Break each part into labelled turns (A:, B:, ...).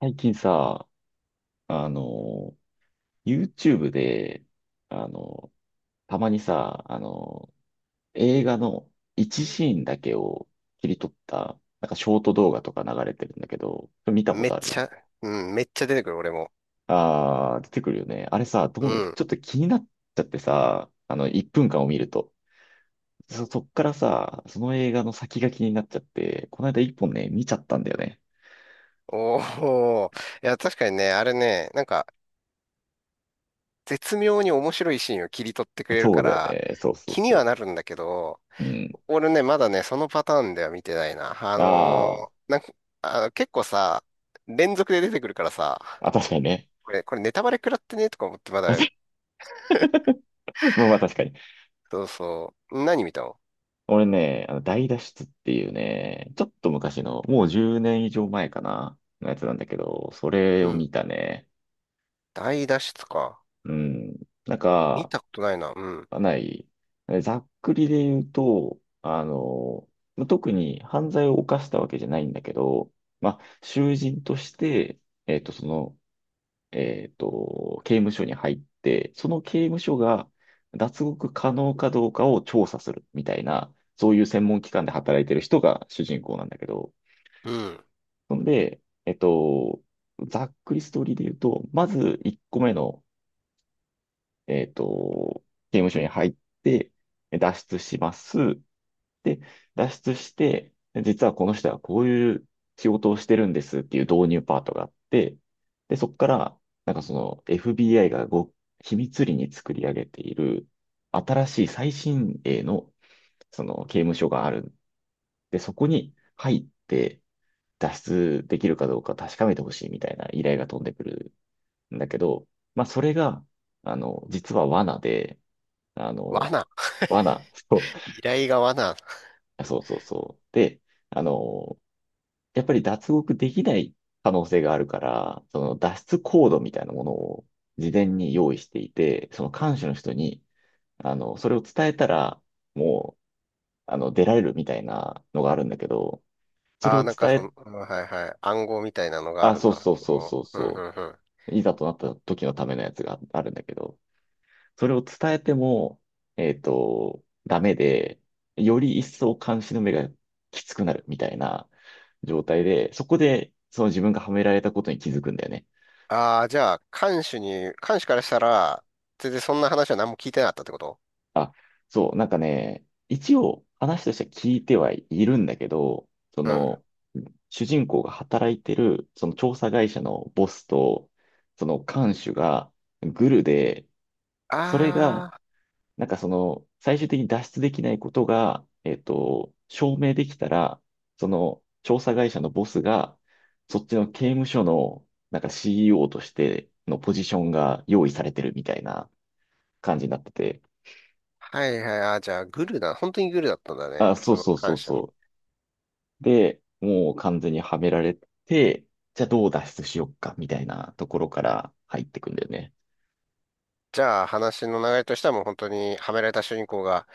A: 最近さ、あの、YouTube で、あの、たまにさ、映画の一シーンだけを切り取った、なんかショート動画とか流れてるんだけど、それ見たこ
B: め
A: と
B: っ
A: あ
B: ち
A: る？
B: ゃ、うん、めっちゃ出てくる、俺も。
A: あー、出てくるよね。あれさ、ど
B: う
A: う、
B: ん。
A: ちょっと気になっちゃってさ、1分間を見ると。そっからさ、その映画の先が気になっちゃって、この間1本ね、見ちゃったんだよね。
B: おお。いや、確かにね、あれね、絶妙に面白いシーンを切り取ってくれる
A: そ
B: か
A: うだよ
B: ら、
A: ね。そうそう
B: 気には
A: そ
B: なるんだけど、
A: う。うん。
B: 俺ね、まだそのパターンでは見てないな。
A: あー、
B: 結構さ、連続で出てくるからさ、
A: あ、確かにね。
B: これネタバレ食らってねとか思ってまだ、
A: まあまあ確かに。
B: そうそう。何見たの。
A: 俺ね、あの大脱出っていうね、ちょっと昔の、もう10年以上前かな、のやつなんだけど、それ
B: う
A: を
B: ん。
A: 見たね。
B: 大脱出か。
A: うん。なん
B: 見
A: か、
B: たことないな。うん。
A: かない、ざっくりで言うと、特に犯罪を犯したわけじゃないんだけど、まあ、囚人として、その、刑務所に入って、その刑務所が脱獄可能かどうかを調査するみたいな、そういう専門機関で働いてる人が主人公なんだけど、
B: うん。
A: ほんで、ざっくりストーリーで言うと、まず1個目の、えっと、刑務所に入って、脱出します。で、脱出して、実はこの人はこういう仕事をしてるんですっていう導入パートがあって、で、そこから、FBI が秘密裏に作り上げている新しい最新鋭のその刑務所がある。で、そこに入って脱出できるかどうか確かめてほしいみたいな依頼が飛んでくるんだけど、まあそれが、実は罠で、あの、
B: 罠。
A: 罠、そ
B: 依頼が罠。
A: う、そうそうそう。で、あの、やっぱり脱獄できない可能性があるから、その脱出コードみたいなものを事前に用意していて、その看守の人に、それを伝えたら、もう、出られるみたいなのがあるんだけど、それ
B: ああ、
A: を伝え、
B: うん、はいはい、暗号みたいなのがあ
A: あ、
B: るん
A: そう
B: だ。
A: そうそうそう
B: うんう
A: そ
B: んうん。
A: う、いざとなった時のためのやつがあるんだけど、それを伝えても、ダメで、より一層監視の目がきつくなるみたいな状態で、そこで、その自分がはめられたことに気づくんだよね。
B: ああ、じゃあ、看守からしたら、全然そんな話は何も聞いてなかったってこと。
A: あ、そう、なんかね、一応話としては聞いてはいるんだけど、そ
B: うん。
A: の、主人公が働いてる、その調査会社のボスと、その看守がグルで、それが、
B: ああ、
A: なんかその、最終的に脱出できないことが、証明できたら、その調査会社のボスが、そっちの刑務所の、なんか CEO としてのポジションが用意されてるみたいな感じになってて、
B: はいはい、あーじゃあ、グルだ。本当にグルだったんだね、
A: あ、そう
B: その
A: そう
B: 看
A: そう
B: 守
A: そ
B: の。
A: う。で、もう完全にはめられて、じゃあどう脱出しようか、みたいなところから入ってくんだよね。
B: じゃあ、話の流れとしてはもう本当に、はめられた主人公が、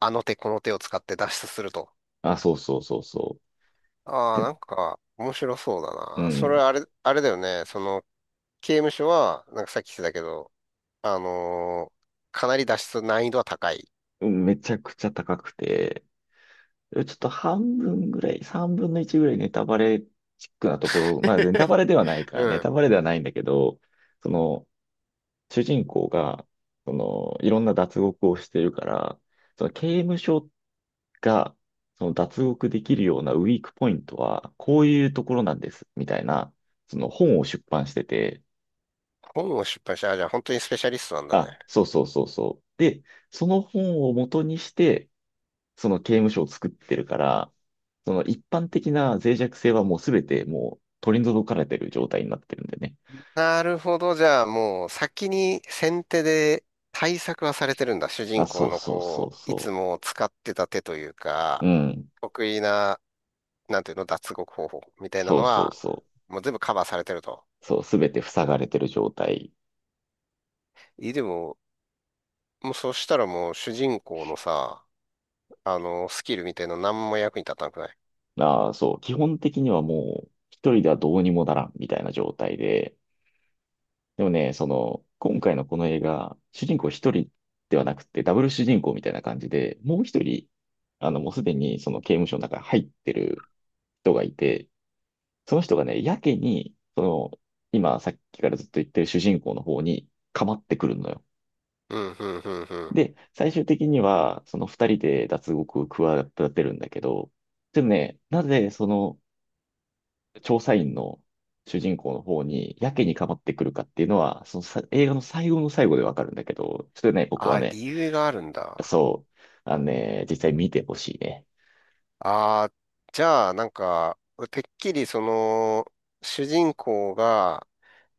B: あの手この手を使って脱出すると。
A: あ、そうそうそうそう。
B: ああ、
A: で、
B: なんか、面白そうだ
A: う
B: な。それ
A: ん、
B: あれ、あれだよね。その、刑務所は、なんかさっき言ってたけど、あのーかなり脱出難易度は高い。
A: うん、めちゃくちゃ高くて、ちょっと半分ぐらい、三分の一ぐらいネタバレチックなところ、まあネタ バレではないか
B: う
A: ら、ネ
B: ん。
A: タバレではないんだけど、その、主人公が、その、いろんな脱獄をしてるから、その刑務所が、その脱獄できるようなウィークポイントは、こういうところなんです、みたいな、その本を出版してて、
B: 本を出版した。あ、じゃあ本当にスペシャリストなんだね。
A: あ、そうそうそうそう。で、その本を元にして、その刑務所を作ってるから、その一般的な脆弱性はもうすべてもう取り除かれてる状態になってるんでね。
B: なるほど。じゃあもう先に先手で対策はされてるんだ。主人
A: あ、
B: 公
A: そう
B: の
A: そうそ
B: こ
A: う
B: う、いつ
A: そ
B: も使ってた手という
A: う。
B: か、
A: うん。
B: 得意な、なんていうの、脱獄方法みたいな
A: そ
B: の
A: うそう
B: は、
A: そう。
B: もう全部カバーされてると。
A: そう、すべて塞がれてる状態
B: え、でも、もうそしたらもう主人公のさ、あの、スキルみたいなの何も役に立たなくない。
A: が、そう、基本的にはもう、一人ではどうにもならんみたいな状態で、でもね、その、今回のこの映画、主人公一人ではなくて、ダブル主人公みたいな感じで、もう一人、もうすでにその刑務所の中に入ってる人がいて、その人がね、やけに、その、今、さっきからずっと言ってる主人公の方に、かまってくるのよ。
B: うん、うん、うん、うん。
A: で、最終的には、その二人で脱獄を企てるんだけど、でもね、なぜその調査員の主人公の方にやけにかまってくるかっていうのは、そのさ映画の最後の最後でわかるんだけど、それね、僕は
B: あ、
A: ね、
B: 理由があるんだ。
A: そう、実際見てほしいね。
B: ああ、じゃあ、なんか、てっきりその、主人公が、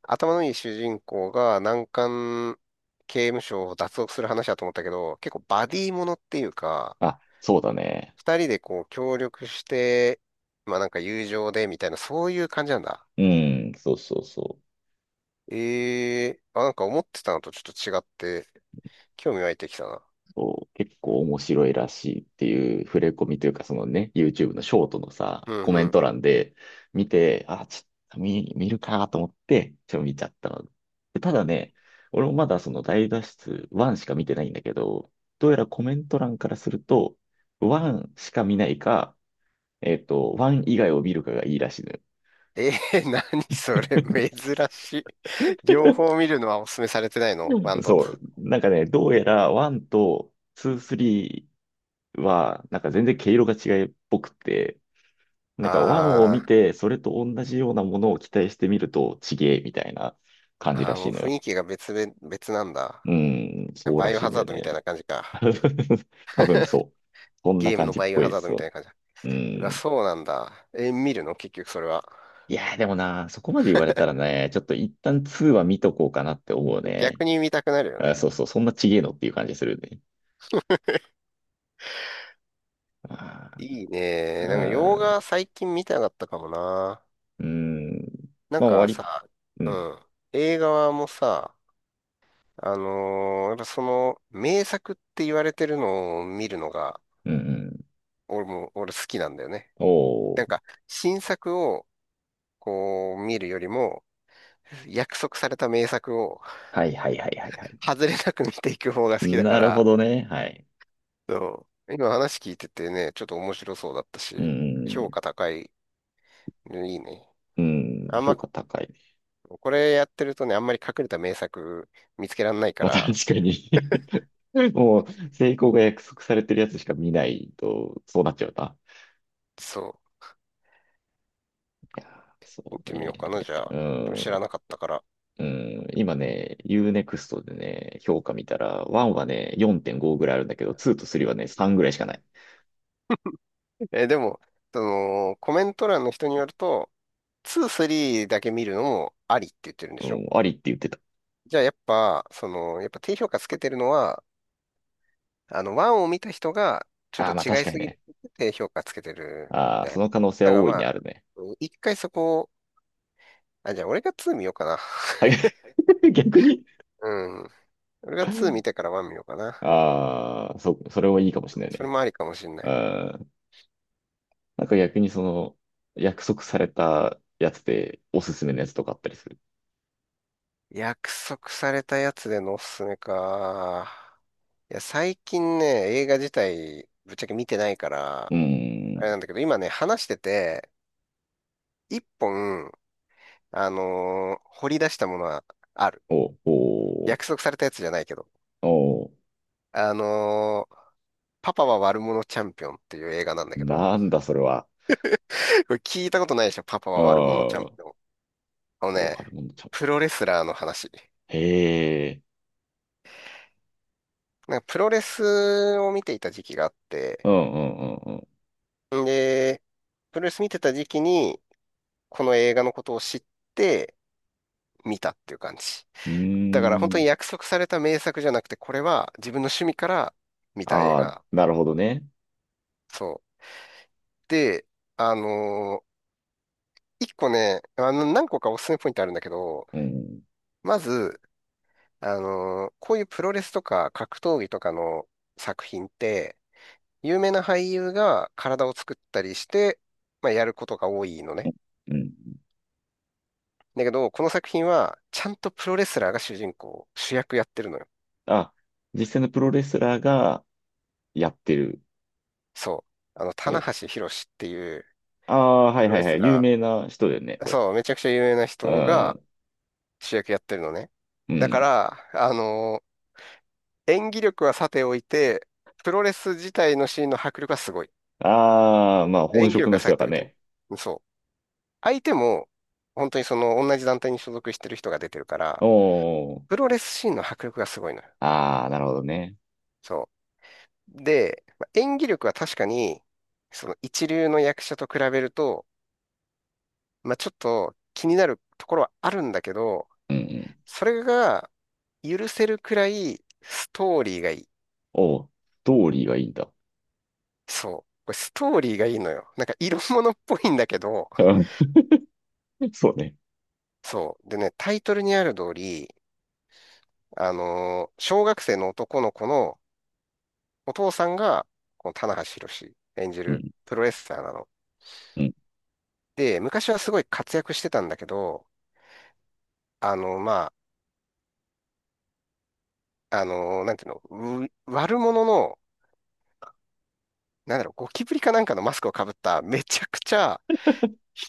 B: 頭のいい主人公が難関刑務所を脱獄する話だと思ったけど、結構バディものっていうか、
A: あ、そうだね。
B: 二人でこう協力して、まあなんか友情でみたいな、そういう感じなんだ。
A: うん、そうそうそう。
B: ええあ、なんか思ってたのとちょっと違って、興味湧いてきたな。
A: こう結構面白いらしいっていう触れ込みというか、そのね、YouTube のショートのさ、
B: うん
A: コメ
B: う
A: ン
B: ん。
A: ト欄で見て、あ、ちょっと見、るかと思って、ちょっと見ちゃったの。でただね、俺もまだその大脱出1しか見てないんだけど、どうやらコメント欄からすると、1しか見ないか、1以外を見るかがいいらしいのよ。
B: ええー、何それ、珍しい。両方見るのはお勧めされてないのワ
A: う
B: ン
A: ん、
B: と
A: そ
B: ツ
A: う。なんかね、どうやら1と2、3は、なんか全然毛色が違いっぽくて、
B: ー。
A: なんかワンを
B: あ
A: 見
B: あ。
A: て、それと同じようなものを期待してみると、ちげえみたいな感じ
B: あ
A: ら
B: あ、
A: し
B: もう
A: いの
B: 雰囲
A: よ。
B: 気が別々、別なんだ。
A: うん、そう
B: バ
A: ら
B: イオ
A: しい
B: ハ
A: ん
B: ザー
A: で
B: ドみたい
A: ね。
B: な感じか。
A: 多分そう。そんな
B: ゲーム
A: 感
B: の
A: じっ
B: バイオ
A: ぽい
B: ハ
A: で
B: ザード
A: す
B: みたい
A: よ。
B: な感じだ。
A: う
B: うわ、
A: ん。
B: そうなんだ。え、見るの結局それは。
A: いやーでもな、そこまで言われたらね、ちょっと一旦2は見とこうかなって思うね。
B: 逆に見たくなるよ
A: あ、
B: ね。
A: そうそう、そんなちげえのっていう感じするね。あ
B: いいね。なんか洋
A: ー、
B: 画最近見たかったかもな。
A: うん。うん、
B: なん
A: まあ、終わ
B: か
A: り。
B: さ、
A: う
B: う
A: ん。
B: ん。映画はもうさ、あのーやっぱその名作って言われてるのを見るのが、
A: うん、うん。
B: 俺好きなんだよね。
A: お
B: なん
A: ー。
B: か新作をこう見るよりも、約束された名作を
A: はい、はい、はい、はい、はい。
B: 外れなく見ていく方が好きだか
A: なるほ
B: ら、
A: どね。はい。
B: そう、今話聞いててね、ちょっと面白そうだった
A: うん、う
B: し、評
A: ん。
B: 価高いのいいね。
A: うん、
B: あん
A: 評
B: ま、
A: 価高いね。
B: これやってるとね、あんまり隠れた名作見つけらんないか
A: まあ
B: ら、
A: 確かに。 もう、成功が約束されてるやつしか見ないと、そうなっちゃうな。
B: そ
A: いやー、
B: う、
A: そ
B: 見
A: う
B: てみよう
A: ね。
B: かな、じゃあ。
A: う
B: でも
A: ん、
B: 知らなかったから。
A: うん、今ね、ユーネクストでね、評価見たら、1はね、4.5ぐらいあるんだけど、2と3はね、3ぐらいしかない。
B: え、でも、その、コメント欄の人によると、2、3だけ見るのもありって言ってるんで
A: う
B: しょ。
A: ん、ありって言ってた。
B: じゃあやっぱ、その、やっぱ低評価つけてるのは、あの、1を見た人が、ちょっ
A: あ
B: と
A: あ、まあ
B: 違
A: 確
B: い
A: かに
B: すぎ
A: ね。
B: るって評価つけてるみ
A: ああ、
B: た
A: そ
B: い。
A: の可能性
B: だか
A: は
B: ら
A: 大い
B: ま
A: にあ
B: あ、
A: るね。
B: うん一回そこを、あ、じゃあ俺が2見ようかな。
A: はい。逆に、
B: うん。俺が2見てから1見ようかな。
A: ああ、それはいいかもしれない
B: それ
A: ね。
B: もありかもしんな
A: う
B: い。
A: ん、なんか逆にその、約束されたやつでおすすめのやつとかあったりする？
B: 約束されたやつでのおすすめか。いや、最近ね、映画自体、ぶっちゃけ見てないから
A: うー
B: あ
A: ん。
B: れなんだけど、今ね、話してて、一本、あのー掘り出したものはある。
A: お、お、
B: 約束されたやつじゃないけど。
A: お、
B: あのーパパは悪者チャンピオンっていう映画なんだけど、
A: なんだそれは。
B: これ聞いたことないでしょ、パパ
A: ああ、
B: は悪者チャン
A: お、
B: ピオン。あのね、
A: あるものちゃん。
B: プロレスラーの話。
A: へえ。
B: なんかプロレスを見ていた時期があっ
A: う
B: て、
A: ん、うん、うん、
B: で、プロレス見てた時期に、この映画のことを知って見たっていう感じ。
A: うん。う
B: だから本当
A: ー
B: に
A: ん。
B: 約束された名作じゃなくて、これは自分の趣味から見た映
A: ああ、
B: 画。
A: なるほどね。
B: そう。で、あのー一個ね、あの、何個かおすすめポイントあるんだけど、
A: うん。
B: まず、あのーこういうプロレスとか格闘技とかの作品って、有名な俳優が体を作ったりして、まあ、やることが多いのね。
A: うん。
B: だけど、この作品は、ちゃんとプロレスラーが主人公、主役やってるのよ。
A: あ、実際のプロレスラーがやってる。
B: そう。あの、
A: え
B: 棚
A: え。
B: 橋弘至っていう
A: ああ、はい、
B: プロ
A: はい、
B: レ
A: は
B: ス
A: い。有
B: ラ
A: 名な人だよね、
B: ー、
A: これ。
B: そう、めちゃくちゃ有名な
A: う
B: 人が
A: ん。
B: 主役やってるのね。
A: う
B: だか
A: ん。
B: ら、あのー演技力はさておいて、プロレス自体のシーンの迫力はすごい。
A: ああ、まあ本
B: 演技
A: 職
B: 力
A: の
B: は
A: 人
B: さ
A: だ
B: て
A: か
B: お
A: ら
B: いてね。
A: ね。
B: そう。相手も、本当にその同じ団体に所属してる人が出てるから、
A: おー、
B: プロレスシーンの迫力がすごいのよ。
A: ああ、なるほどね。
B: そう。で、まあ演技力は確かに、その一流の役者と比べると、まあ、ちょっと気になるところはあるんだけど、
A: うん、うん。
B: それが許せるくらいストーリーがいい。
A: おう、ストーリーがいいんだ。
B: そう。これストーリーがいいのよ。なんか色物っぽいんだけど、
A: うん、そうね。
B: そう。でね、タイトルにある通り、あのー小学生の男の子のお父さんが、この棚橋弘演じ
A: う
B: る
A: ん、
B: プロレスラーなの。
A: うん。
B: で、昔はすごい活躍してたんだけど、あの、まなんていうの、う悪者の、なんだろう、ゴキブリかなんかのマスクをかぶっためちゃくちゃ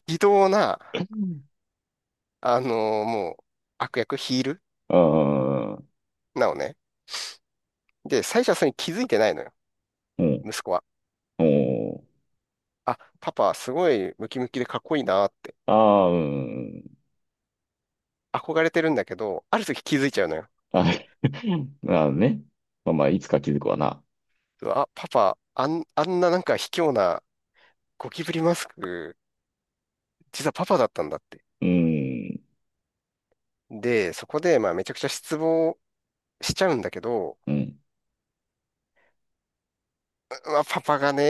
B: 非道な、もう悪役ヒール
A: ああ、
B: なのね。で、最初はそれに気づいてないのよ、
A: うん、
B: 息子は。
A: おう、
B: あ、パパすごいムキムキでかっこいいなって
A: ああ、うん。
B: 憧れてるんだけど、ある時気づいちゃうのよ。
A: あ、なるほどね。まあまあ、いつか気づくわな。
B: うわあ、パパ、あん、あんななんか卑怯なゴキブリマスク、実はパパだったんだって。
A: うん、
B: で、そこで、まあ、めちゃくちゃ失望しちゃうんだけど、
A: うん。
B: まあ、パパがね、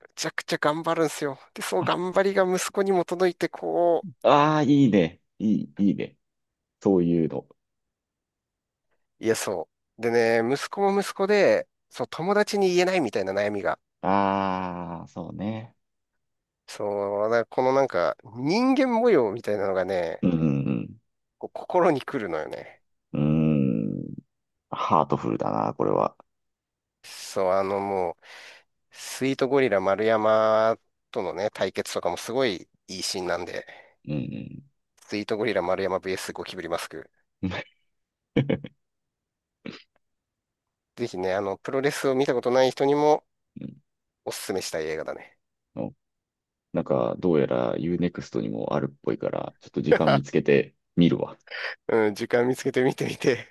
B: めちゃくちゃ頑張るんですよ。で、その頑張りが息子にも届いて、こ
A: ああ、いいね。いい、いいね。そういうの。
B: う、いや、そう。でね、息子も息子で、そう、友達に言えないみたいな悩みが、
A: ああ、そうね。
B: そう、なこのなんか、人間模様みたいなのがね、
A: うん、うん、
B: こう心に来るのよね。
A: うん。ハートフルだな、これは。
B: そう、もう、スイートゴリラ丸山とのね、対決とかもすごいいいシーンなんで、
A: うん、
B: スイートゴリラ丸山 VS ゴキブリマスク。
A: うん。
B: ぜひね、あの、プロレスを見たことない人にも
A: うん、
B: おすすめしたい映画だね。
A: なんか、どうやら Unext にもあるっぽいから、ちょっと時間見つけ て見るわ。
B: うん、時間見つけて見てみて。